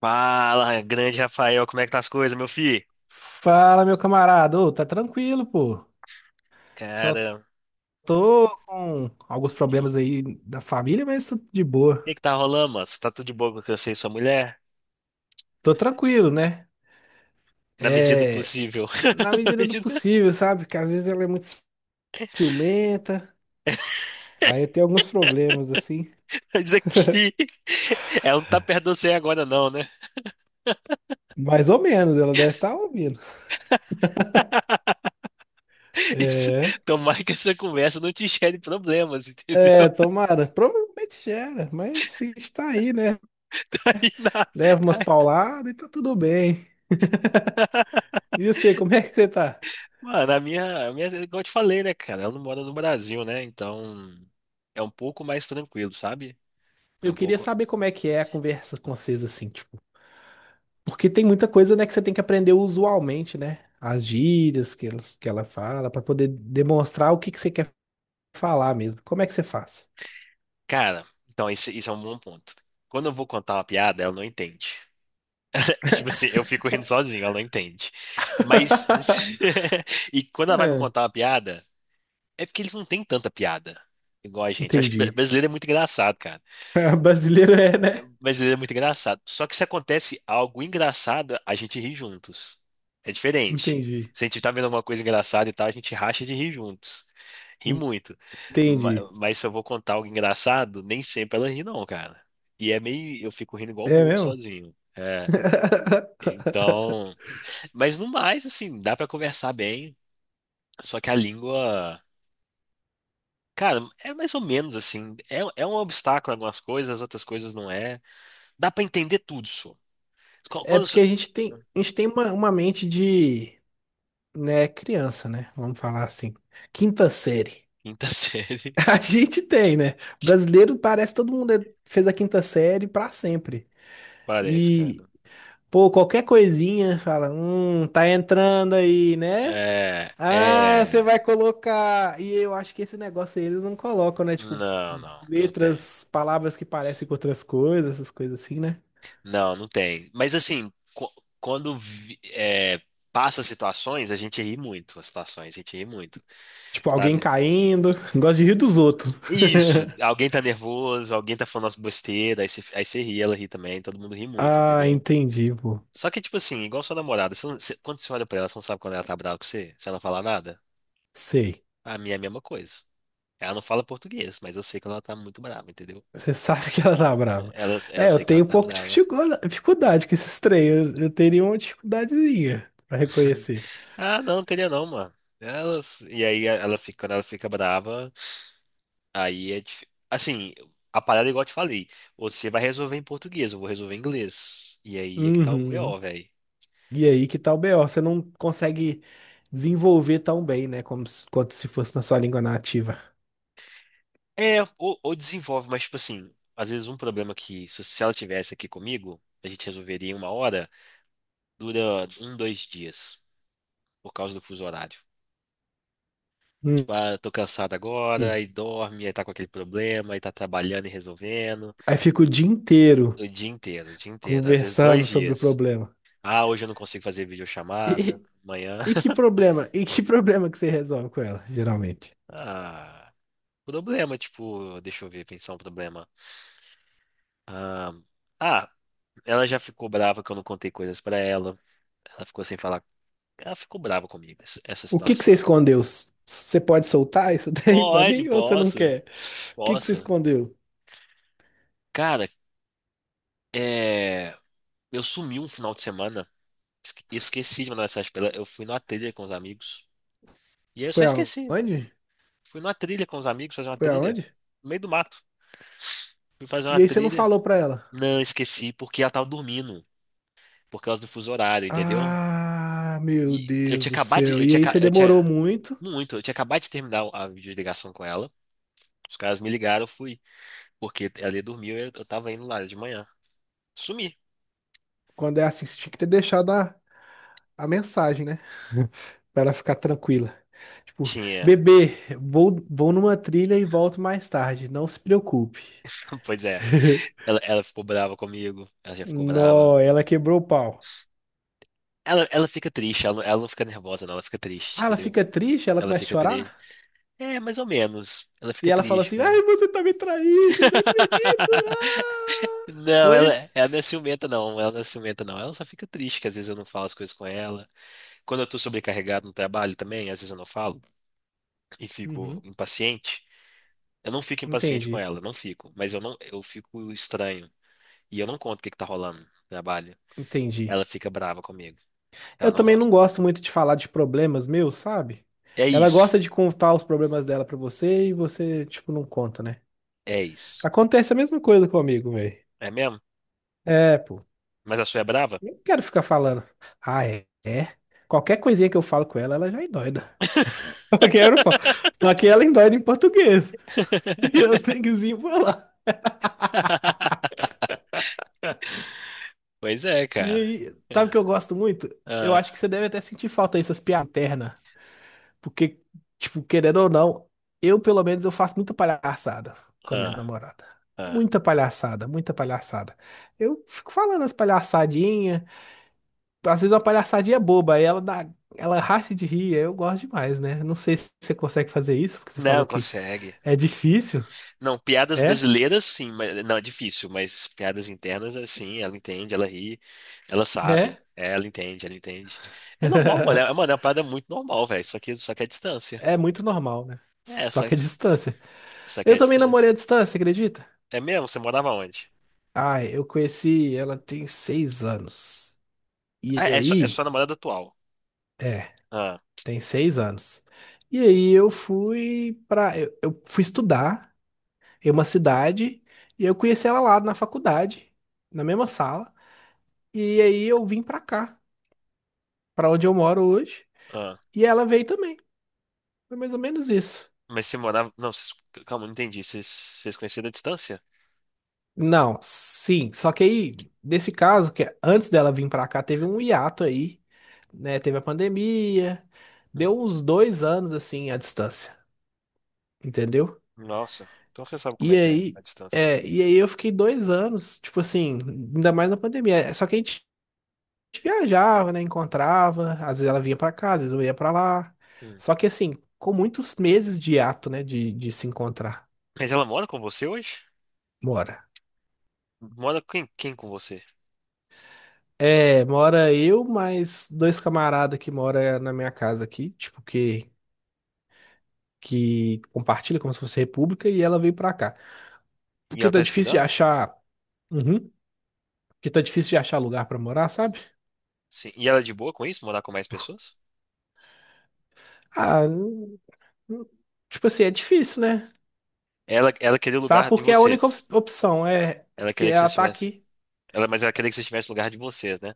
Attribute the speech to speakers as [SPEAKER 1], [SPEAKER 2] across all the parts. [SPEAKER 1] Fala, grande Rafael, como é que tá as coisas, meu filho?
[SPEAKER 2] Fala, meu camarada. Ô, tá tranquilo, pô. Só
[SPEAKER 1] Cara,
[SPEAKER 2] tô com alguns
[SPEAKER 1] que,
[SPEAKER 2] problemas aí da família, mas tô de boa.
[SPEAKER 1] que tá rolando, mano? Você tá tudo de boa com que eu sei sua mulher?
[SPEAKER 2] Tô tranquilo, né?
[SPEAKER 1] Na medida do
[SPEAKER 2] É,
[SPEAKER 1] possível.
[SPEAKER 2] na
[SPEAKER 1] Na
[SPEAKER 2] medida do
[SPEAKER 1] medida.
[SPEAKER 2] possível, sabe? Porque às vezes ela é muito ciumenta, aí tem alguns problemas, assim.
[SPEAKER 1] Mas aqui. Ela não tá perto de você agora, não, né?
[SPEAKER 2] Mais ou menos, ela deve estar ouvindo.
[SPEAKER 1] Isso.
[SPEAKER 2] É,
[SPEAKER 1] Tomara que essa conversa não te gere problemas, entendeu?
[SPEAKER 2] é, tomara. Provavelmente gera, mas a gente tá aí, né?
[SPEAKER 1] Aí na-
[SPEAKER 2] Leva umas
[SPEAKER 1] aí-
[SPEAKER 2] pauladas e tá tudo bem. E você, como é que você tá?
[SPEAKER 1] Mano, a minha, igual eu te falei, né, cara? Ela não mora no Brasil, né? Então é um pouco mais tranquilo, sabe? É
[SPEAKER 2] Eu
[SPEAKER 1] um
[SPEAKER 2] queria
[SPEAKER 1] pouco.
[SPEAKER 2] saber como é que é a conversa com vocês, assim, tipo. Porque tem muita coisa, né, que você tem que aprender usualmente, né? As gírias que, que ela fala, para poder demonstrar o que, que você quer falar mesmo. Como é que você faz?
[SPEAKER 1] Cara, então isso é um bom ponto. Quando eu vou contar uma piada, ela não entende. Tipo assim, eu fico rindo sozinho, ela não entende. Mas. E quando ela vai me
[SPEAKER 2] É,
[SPEAKER 1] contar uma piada, é porque eles não têm tanta piada igual a gente. Acho que
[SPEAKER 2] entendi.
[SPEAKER 1] brasileiro é muito engraçado, cara.
[SPEAKER 2] Brasileiro é, né?
[SPEAKER 1] Brasileiro é muito engraçado. Só que se acontece algo engraçado, a gente ri juntos. É diferente.
[SPEAKER 2] Entendi.
[SPEAKER 1] Se a gente tá vendo alguma coisa engraçada e tal, a gente racha de rir juntos. Ri muito.
[SPEAKER 2] Entendi.
[SPEAKER 1] Mas, se eu vou contar algo engraçado, nem sempre ela ri, não, cara. E é meio. Eu fico rindo igual
[SPEAKER 2] É
[SPEAKER 1] bobo
[SPEAKER 2] mesmo?
[SPEAKER 1] sozinho. É. Então. Mas no mais, assim, dá pra conversar bem. Só que a língua. Cara, é mais ou menos assim. É um obstáculo em algumas coisas, outras coisas não é. Dá pra entender tudo, só.
[SPEAKER 2] É
[SPEAKER 1] Quando,
[SPEAKER 2] porque a gente tem uma mente de, né, criança, né? Vamos falar assim. Quinta série.
[SPEAKER 1] Quinta série.
[SPEAKER 2] A gente tem, né? Brasileiro parece que todo mundo fez a quinta série pra sempre.
[SPEAKER 1] Parece,
[SPEAKER 2] e
[SPEAKER 1] cara.
[SPEAKER 2] Pô, qualquer coisinha, fala, tá entrando aí, né?
[SPEAKER 1] É,
[SPEAKER 2] Ah, você
[SPEAKER 1] é.
[SPEAKER 2] vai colocar. E eu acho que esse negócio aí eles não colocam, né? Tipo,
[SPEAKER 1] Não, não, não tem.
[SPEAKER 2] letras, palavras que parecem com outras coisas, essas coisas assim, né?
[SPEAKER 1] Não, não tem. Mas assim, quando vi- é, passa situações, a gente ri muito. As situações, a gente ri muito.
[SPEAKER 2] Tipo, alguém
[SPEAKER 1] Sabe?
[SPEAKER 2] caindo. Gosto de rir dos outros.
[SPEAKER 1] Isso. Alguém tá nervoso, alguém tá falando as besteiras, aí você ri, ela ri também, todo mundo ri muito,
[SPEAKER 2] Ah,
[SPEAKER 1] entendeu?
[SPEAKER 2] entendi, pô.
[SPEAKER 1] Só que, tipo assim, igual sua namorada, você não- você- quando você olha pra ela, você não sabe quando ela tá brava com você? Se ela não falar nada?
[SPEAKER 2] Sei.
[SPEAKER 1] A minha é a mesma coisa. Ela não fala português, mas eu sei que ela tá muito brava, entendeu?
[SPEAKER 2] Você sabe que ela tá brava.
[SPEAKER 1] Eu
[SPEAKER 2] É, eu
[SPEAKER 1] sei que ela
[SPEAKER 2] tenho um
[SPEAKER 1] tá
[SPEAKER 2] pouco de
[SPEAKER 1] brava.
[SPEAKER 2] dificuldade com esses três. Eu teria uma dificuldadezinha pra reconhecer.
[SPEAKER 1] Ah, não, queria não, mano. E aí ela fica, quando ela fica brava, assim, a parada é igual eu te falei, você vai resolver em português, eu vou resolver em inglês. E aí é que tá o
[SPEAKER 2] Uhum.
[SPEAKER 1] BO, velho.
[SPEAKER 2] E aí que tá o BO, você não consegue desenvolver tão bem, né? Como se, quanto se fosse na sua língua nativa.
[SPEAKER 1] É, ou desenvolve, mas tipo assim, às vezes um problema que se ela tivesse aqui comigo, a gente resolveria em uma hora, dura um, dois dias, por causa do fuso horário.
[SPEAKER 2] Hum,
[SPEAKER 1] Tipo, ah, eu tô cansado agora,
[SPEAKER 2] hum.
[SPEAKER 1] aí dorme, aí tá com aquele problema, aí tá trabalhando e resolvendo.
[SPEAKER 2] Aí fica o dia inteiro
[SPEAKER 1] O dia inteiro, o dia inteiro. Às vezes
[SPEAKER 2] conversando
[SPEAKER 1] dois
[SPEAKER 2] sobre o
[SPEAKER 1] dias.
[SPEAKER 2] problema.
[SPEAKER 1] Ah, hoje eu não consigo fazer videochamada.
[SPEAKER 2] E,
[SPEAKER 1] Amanhã.
[SPEAKER 2] e que problema? E que problema que você resolve com ela, geralmente?
[SPEAKER 1] Ah, problema, tipo, deixa eu ver, pensar um problema. Ah, ah, ela já ficou brava que eu não contei coisas pra ela. Ela ficou sem falar. Ela ficou brava comigo, essa
[SPEAKER 2] O que que você
[SPEAKER 1] situação.
[SPEAKER 2] escondeu? Você pode soltar isso daí pra
[SPEAKER 1] Pode,
[SPEAKER 2] mim ou você não
[SPEAKER 1] posso,
[SPEAKER 2] quer? O que que você
[SPEAKER 1] posso.
[SPEAKER 2] escondeu?
[SPEAKER 1] Cara, é. Eu sumi um final de semana. Esqueci de mandar mensagem pra ela. Eu fui numa trilha com os amigos. E aí eu só
[SPEAKER 2] Foi
[SPEAKER 1] esqueci.
[SPEAKER 2] aonde?
[SPEAKER 1] Fui numa trilha com os amigos, fazer uma
[SPEAKER 2] Foi
[SPEAKER 1] trilha.
[SPEAKER 2] aonde?
[SPEAKER 1] No meio do mato. Fui fazer uma
[SPEAKER 2] E aí você não
[SPEAKER 1] trilha.
[SPEAKER 2] falou pra ela.
[SPEAKER 1] Não, esqueci, porque ela tava dormindo. Por causa do fuso horário, entendeu?
[SPEAKER 2] Ah, meu
[SPEAKER 1] E eu
[SPEAKER 2] Deus
[SPEAKER 1] tinha
[SPEAKER 2] do
[SPEAKER 1] acabado de.
[SPEAKER 2] céu. E aí você
[SPEAKER 1] Eu
[SPEAKER 2] demorou
[SPEAKER 1] tinha.
[SPEAKER 2] muito.
[SPEAKER 1] Muito, eu tinha acabado de terminar a videoligação com ela. Os caras me ligaram, eu fui. Porque ela ia dormir, eu tava indo lá de manhã. Sumi.
[SPEAKER 2] Quando é assim, você tinha que ter deixado a mensagem, né? Pra ela ficar tranquila. Tipo,
[SPEAKER 1] Tinha.
[SPEAKER 2] bebê, vou numa trilha e volto mais tarde, não se preocupe.
[SPEAKER 1] Pois é. Ela ficou brava comigo. Ela já ficou brava.
[SPEAKER 2] Nó, ela quebrou o pau.
[SPEAKER 1] Ela fica triste, ela não fica nervosa, não. Ela fica triste,
[SPEAKER 2] Ah, ela
[SPEAKER 1] entendeu?
[SPEAKER 2] fica triste, ela
[SPEAKER 1] Ela
[SPEAKER 2] começa a
[SPEAKER 1] fica triste.
[SPEAKER 2] chorar.
[SPEAKER 1] É, mais ou menos. Ela
[SPEAKER 2] E
[SPEAKER 1] fica
[SPEAKER 2] ela fala
[SPEAKER 1] triste,
[SPEAKER 2] assim: Ai,
[SPEAKER 1] cara.
[SPEAKER 2] você tá me traindo, não acredito. Ah!
[SPEAKER 1] Não,
[SPEAKER 2] Foi?
[SPEAKER 1] ela não é ciumenta, não. Ela não é ciumenta, não. Ela só fica triste, que às vezes eu não falo as coisas com ela. Quando eu tô sobrecarregado no trabalho também, às vezes eu não falo e fico
[SPEAKER 2] Uhum.
[SPEAKER 1] impaciente. Eu não fico impaciente com
[SPEAKER 2] Entendi,
[SPEAKER 1] ela, não fico. Mas eu não, eu fico estranho. E eu não conto o que que tá rolando no trabalho.
[SPEAKER 2] entendi.
[SPEAKER 1] Ela fica brava comigo. Ela
[SPEAKER 2] Eu
[SPEAKER 1] não
[SPEAKER 2] também não
[SPEAKER 1] gosta.
[SPEAKER 2] gosto muito de falar de problemas meus, sabe?
[SPEAKER 1] É
[SPEAKER 2] Ela
[SPEAKER 1] isso.
[SPEAKER 2] gosta de contar os problemas dela pra você e você, tipo, não conta, né?
[SPEAKER 1] É isso.
[SPEAKER 2] Acontece a mesma coisa comigo, velho.
[SPEAKER 1] É mesmo?
[SPEAKER 2] É, pô.
[SPEAKER 1] Mas a sua é brava?
[SPEAKER 2] Eu não quero ficar falando. Ah, é? É. Qualquer coisinha que eu falo com ela, ela já endoida. Aqui eu não falo. Só que ela endoida em português. E eu tenho que desenrolar.
[SPEAKER 1] Pois é,
[SPEAKER 2] E
[SPEAKER 1] cara.
[SPEAKER 2] aí,
[SPEAKER 1] É.
[SPEAKER 2] sabe o que eu gosto muito? Eu acho
[SPEAKER 1] Ah,
[SPEAKER 2] que você deve até sentir falta dessas piadas internas. Porque, tipo, querendo ou não, eu pelo menos eu faço muita palhaçada com a minha
[SPEAKER 1] ah,
[SPEAKER 2] namorada.
[SPEAKER 1] ah.
[SPEAKER 2] Muita palhaçada, muita palhaçada. Eu fico falando as palhaçadinhas. Às vezes uma palhaçadinha boba, aí ela racha de rir, aí eu gosto demais, né? Não sei se você consegue fazer isso, porque você falou
[SPEAKER 1] Não,
[SPEAKER 2] que
[SPEAKER 1] consegue.
[SPEAKER 2] é difícil.
[SPEAKER 1] Não, piadas
[SPEAKER 2] É?
[SPEAKER 1] brasileiras, sim, mas não é difícil, mas piadas internas, assim, ela entende, ela ri, ela sabe,
[SPEAKER 2] É?
[SPEAKER 1] ela entende. É normal, mano, é, mano, é uma parada muito normal, velho, só que é distância.
[SPEAKER 2] É muito normal, né?
[SPEAKER 1] É,
[SPEAKER 2] Só
[SPEAKER 1] só
[SPEAKER 2] que
[SPEAKER 1] que,
[SPEAKER 2] a distância.
[SPEAKER 1] só que
[SPEAKER 2] Eu
[SPEAKER 1] é
[SPEAKER 2] também namorei
[SPEAKER 1] distância.
[SPEAKER 2] à distância, acredita?
[SPEAKER 1] É mesmo? Você morava onde?
[SPEAKER 2] Ah, eu conheci, ela tem 6 anos. E
[SPEAKER 1] Ah, é
[SPEAKER 2] aí,
[SPEAKER 1] sua namorada atual.
[SPEAKER 2] é,
[SPEAKER 1] Ah,
[SPEAKER 2] tem 6 anos. E aí eu fui pra. Eu fui estudar em uma cidade e eu conheci ela lá na faculdade, na mesma sala. E aí eu vim pra cá, pra onde eu moro hoje,
[SPEAKER 1] ah.
[SPEAKER 2] e ela veio também. Foi mais ou menos isso.
[SPEAKER 1] Mas você morava. Não, calma, não entendi. Vocês conheceram a distância?
[SPEAKER 2] Não, sim, só que aí, nesse caso, que antes dela vir pra cá, teve um hiato aí, né? Teve a pandemia,
[SPEAKER 1] Hum,
[SPEAKER 2] deu uns 2 anos assim à distância, entendeu?
[SPEAKER 1] Nossa, então você sabe como
[SPEAKER 2] E
[SPEAKER 1] é que é a
[SPEAKER 2] aí,
[SPEAKER 1] distância.
[SPEAKER 2] e aí eu fiquei 2 anos, tipo assim, ainda mais na pandemia. É, só que a gente viajava, né? Encontrava, às vezes ela vinha pra cá, às vezes eu ia pra lá.
[SPEAKER 1] Hum.
[SPEAKER 2] Só que assim, com muitos meses de hiato, né? De se encontrar.
[SPEAKER 1] Mas ela mora com você hoje?
[SPEAKER 2] Mora.
[SPEAKER 1] Mora quem com você?
[SPEAKER 2] É, mora eu, mais dois camaradas que mora na minha casa aqui, tipo, que compartilha como se fosse república, e ela veio pra cá.
[SPEAKER 1] E
[SPEAKER 2] Porque
[SPEAKER 1] ela
[SPEAKER 2] tá
[SPEAKER 1] tá
[SPEAKER 2] difícil de
[SPEAKER 1] estudando?
[SPEAKER 2] achar. Uhum. Porque tá difícil de achar lugar pra morar, sabe?
[SPEAKER 1] Sim. E ela é de boa com isso, morar com mais pessoas?
[SPEAKER 2] Ah, não- tipo assim, é difícil, né?
[SPEAKER 1] Ela queria o
[SPEAKER 2] Tá?
[SPEAKER 1] lugar de
[SPEAKER 2] Porque é a única
[SPEAKER 1] vocês.
[SPEAKER 2] opção. É, é
[SPEAKER 1] Ela
[SPEAKER 2] porque
[SPEAKER 1] queria que
[SPEAKER 2] ela
[SPEAKER 1] vocês
[SPEAKER 2] tá
[SPEAKER 1] tivessem.
[SPEAKER 2] aqui.
[SPEAKER 1] Mas ela queria que vocês tivessem o lugar de vocês, né?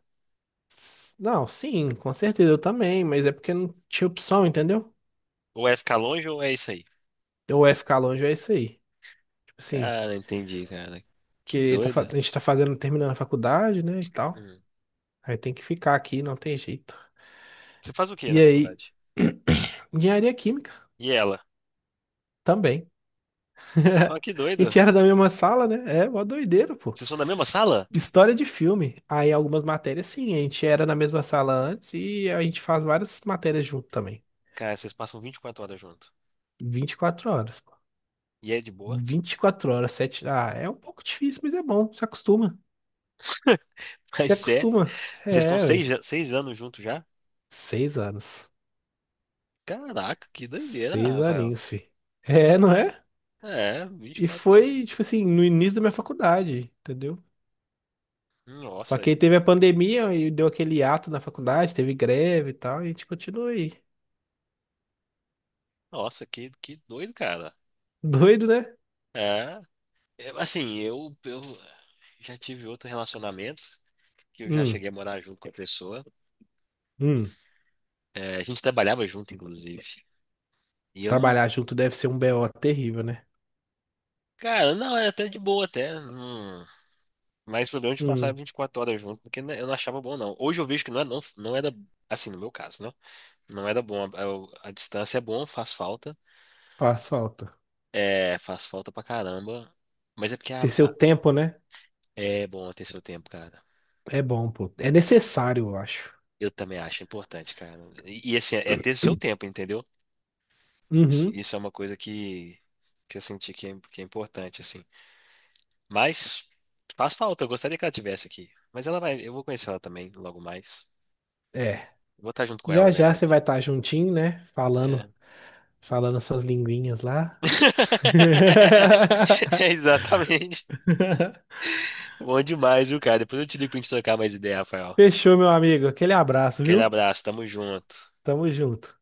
[SPEAKER 2] Não, sim, com certeza eu também, mas é porque não tinha opção, entendeu?
[SPEAKER 1] Ou é ficar longe ou é isso aí.
[SPEAKER 2] Ou é ficar longe, ou é isso aí. Tipo assim,
[SPEAKER 1] Cara, entendi, cara. Que doido.
[SPEAKER 2] a gente tá fazendo, terminando a faculdade, né, e tal.
[SPEAKER 1] Hum.
[SPEAKER 2] Aí tem que ficar aqui, não tem jeito.
[SPEAKER 1] Você faz o quê
[SPEAKER 2] E
[SPEAKER 1] na
[SPEAKER 2] aí,
[SPEAKER 1] faculdade?
[SPEAKER 2] engenharia química
[SPEAKER 1] E ela?
[SPEAKER 2] também.
[SPEAKER 1] Ah, que
[SPEAKER 2] A gente
[SPEAKER 1] doido.
[SPEAKER 2] era da mesma sala, né? É, uma doideira, pô.
[SPEAKER 1] Vocês são da mesma sala?
[SPEAKER 2] História de filme. Aí algumas matérias, sim, a gente era na mesma sala antes e a gente faz várias matérias junto também.
[SPEAKER 1] Cara, vocês passam 24 horas junto.
[SPEAKER 2] 24 horas, pô.
[SPEAKER 1] E é de boa?
[SPEAKER 2] 24 horas, 7. Ah, é um pouco difícil, mas é bom. Se acostuma.
[SPEAKER 1] Mas
[SPEAKER 2] Se
[SPEAKER 1] sério?
[SPEAKER 2] acostuma.
[SPEAKER 1] Vocês estão
[SPEAKER 2] É, ué.
[SPEAKER 1] 6 anos juntos já?
[SPEAKER 2] 6 anos.
[SPEAKER 1] Caraca, que doideira,
[SPEAKER 2] Seis
[SPEAKER 1] Rafael.
[SPEAKER 2] aninhos, fi. É, não é?
[SPEAKER 1] É, vinte e
[SPEAKER 2] E
[SPEAKER 1] quatro horas.
[SPEAKER 2] foi, tipo assim, no início da minha faculdade, entendeu? Só
[SPEAKER 1] Nossa,
[SPEAKER 2] que aí
[SPEAKER 1] aí.
[SPEAKER 2] teve a pandemia e deu aquele ato na faculdade, teve greve e tal, e a gente continua aí.
[SPEAKER 1] Nossa, que doido, cara.
[SPEAKER 2] Doido, né?
[SPEAKER 1] É. Assim, eu já tive outro relacionamento que eu já
[SPEAKER 2] Hum,
[SPEAKER 1] cheguei a morar junto com a pessoa.
[SPEAKER 2] hum.
[SPEAKER 1] É, a gente trabalhava junto, inclusive. E eu não.
[SPEAKER 2] Trabalhar junto deve ser um BO terrível, né?
[SPEAKER 1] Cara, não, é até de boa, até. Não, mas o problema é de passar
[SPEAKER 2] Hum,
[SPEAKER 1] 24 horas junto, porque né, eu não achava bom, não. Hoje eu vejo que não, é, não, não era. Assim, no meu caso, né? Não era bom. A distância é bom, faz falta.
[SPEAKER 2] faz falta.
[SPEAKER 1] É, faz falta pra caramba. Mas é porque
[SPEAKER 2] Ter seu tempo, né?
[SPEAKER 1] é bom ter seu tempo, cara.
[SPEAKER 2] É bom, pô. É necessário, eu acho.
[SPEAKER 1] Eu também acho importante, cara. E, assim, é ter seu tempo, entendeu? Isso,
[SPEAKER 2] Uhum,
[SPEAKER 1] isso é uma coisa que eu senti que é importante, assim. Mas faz falta, eu gostaria que ela tivesse aqui. Eu vou conhecer ela também logo mais.
[SPEAKER 2] é.
[SPEAKER 1] Vou estar junto com ela, na
[SPEAKER 2] Já já você
[SPEAKER 1] verdade.
[SPEAKER 2] vai estar juntinho, né?
[SPEAKER 1] É.
[SPEAKER 2] Falando, falando suas linguinhas lá.
[SPEAKER 1] É, exatamente. Bom demais, viu, cara? Depois eu te ligo pra gente trocar mais ideia, Rafael.
[SPEAKER 2] Fechou, meu amigo. Aquele abraço,
[SPEAKER 1] Aquele
[SPEAKER 2] viu?
[SPEAKER 1] abraço, tamo junto.
[SPEAKER 2] Tamo junto.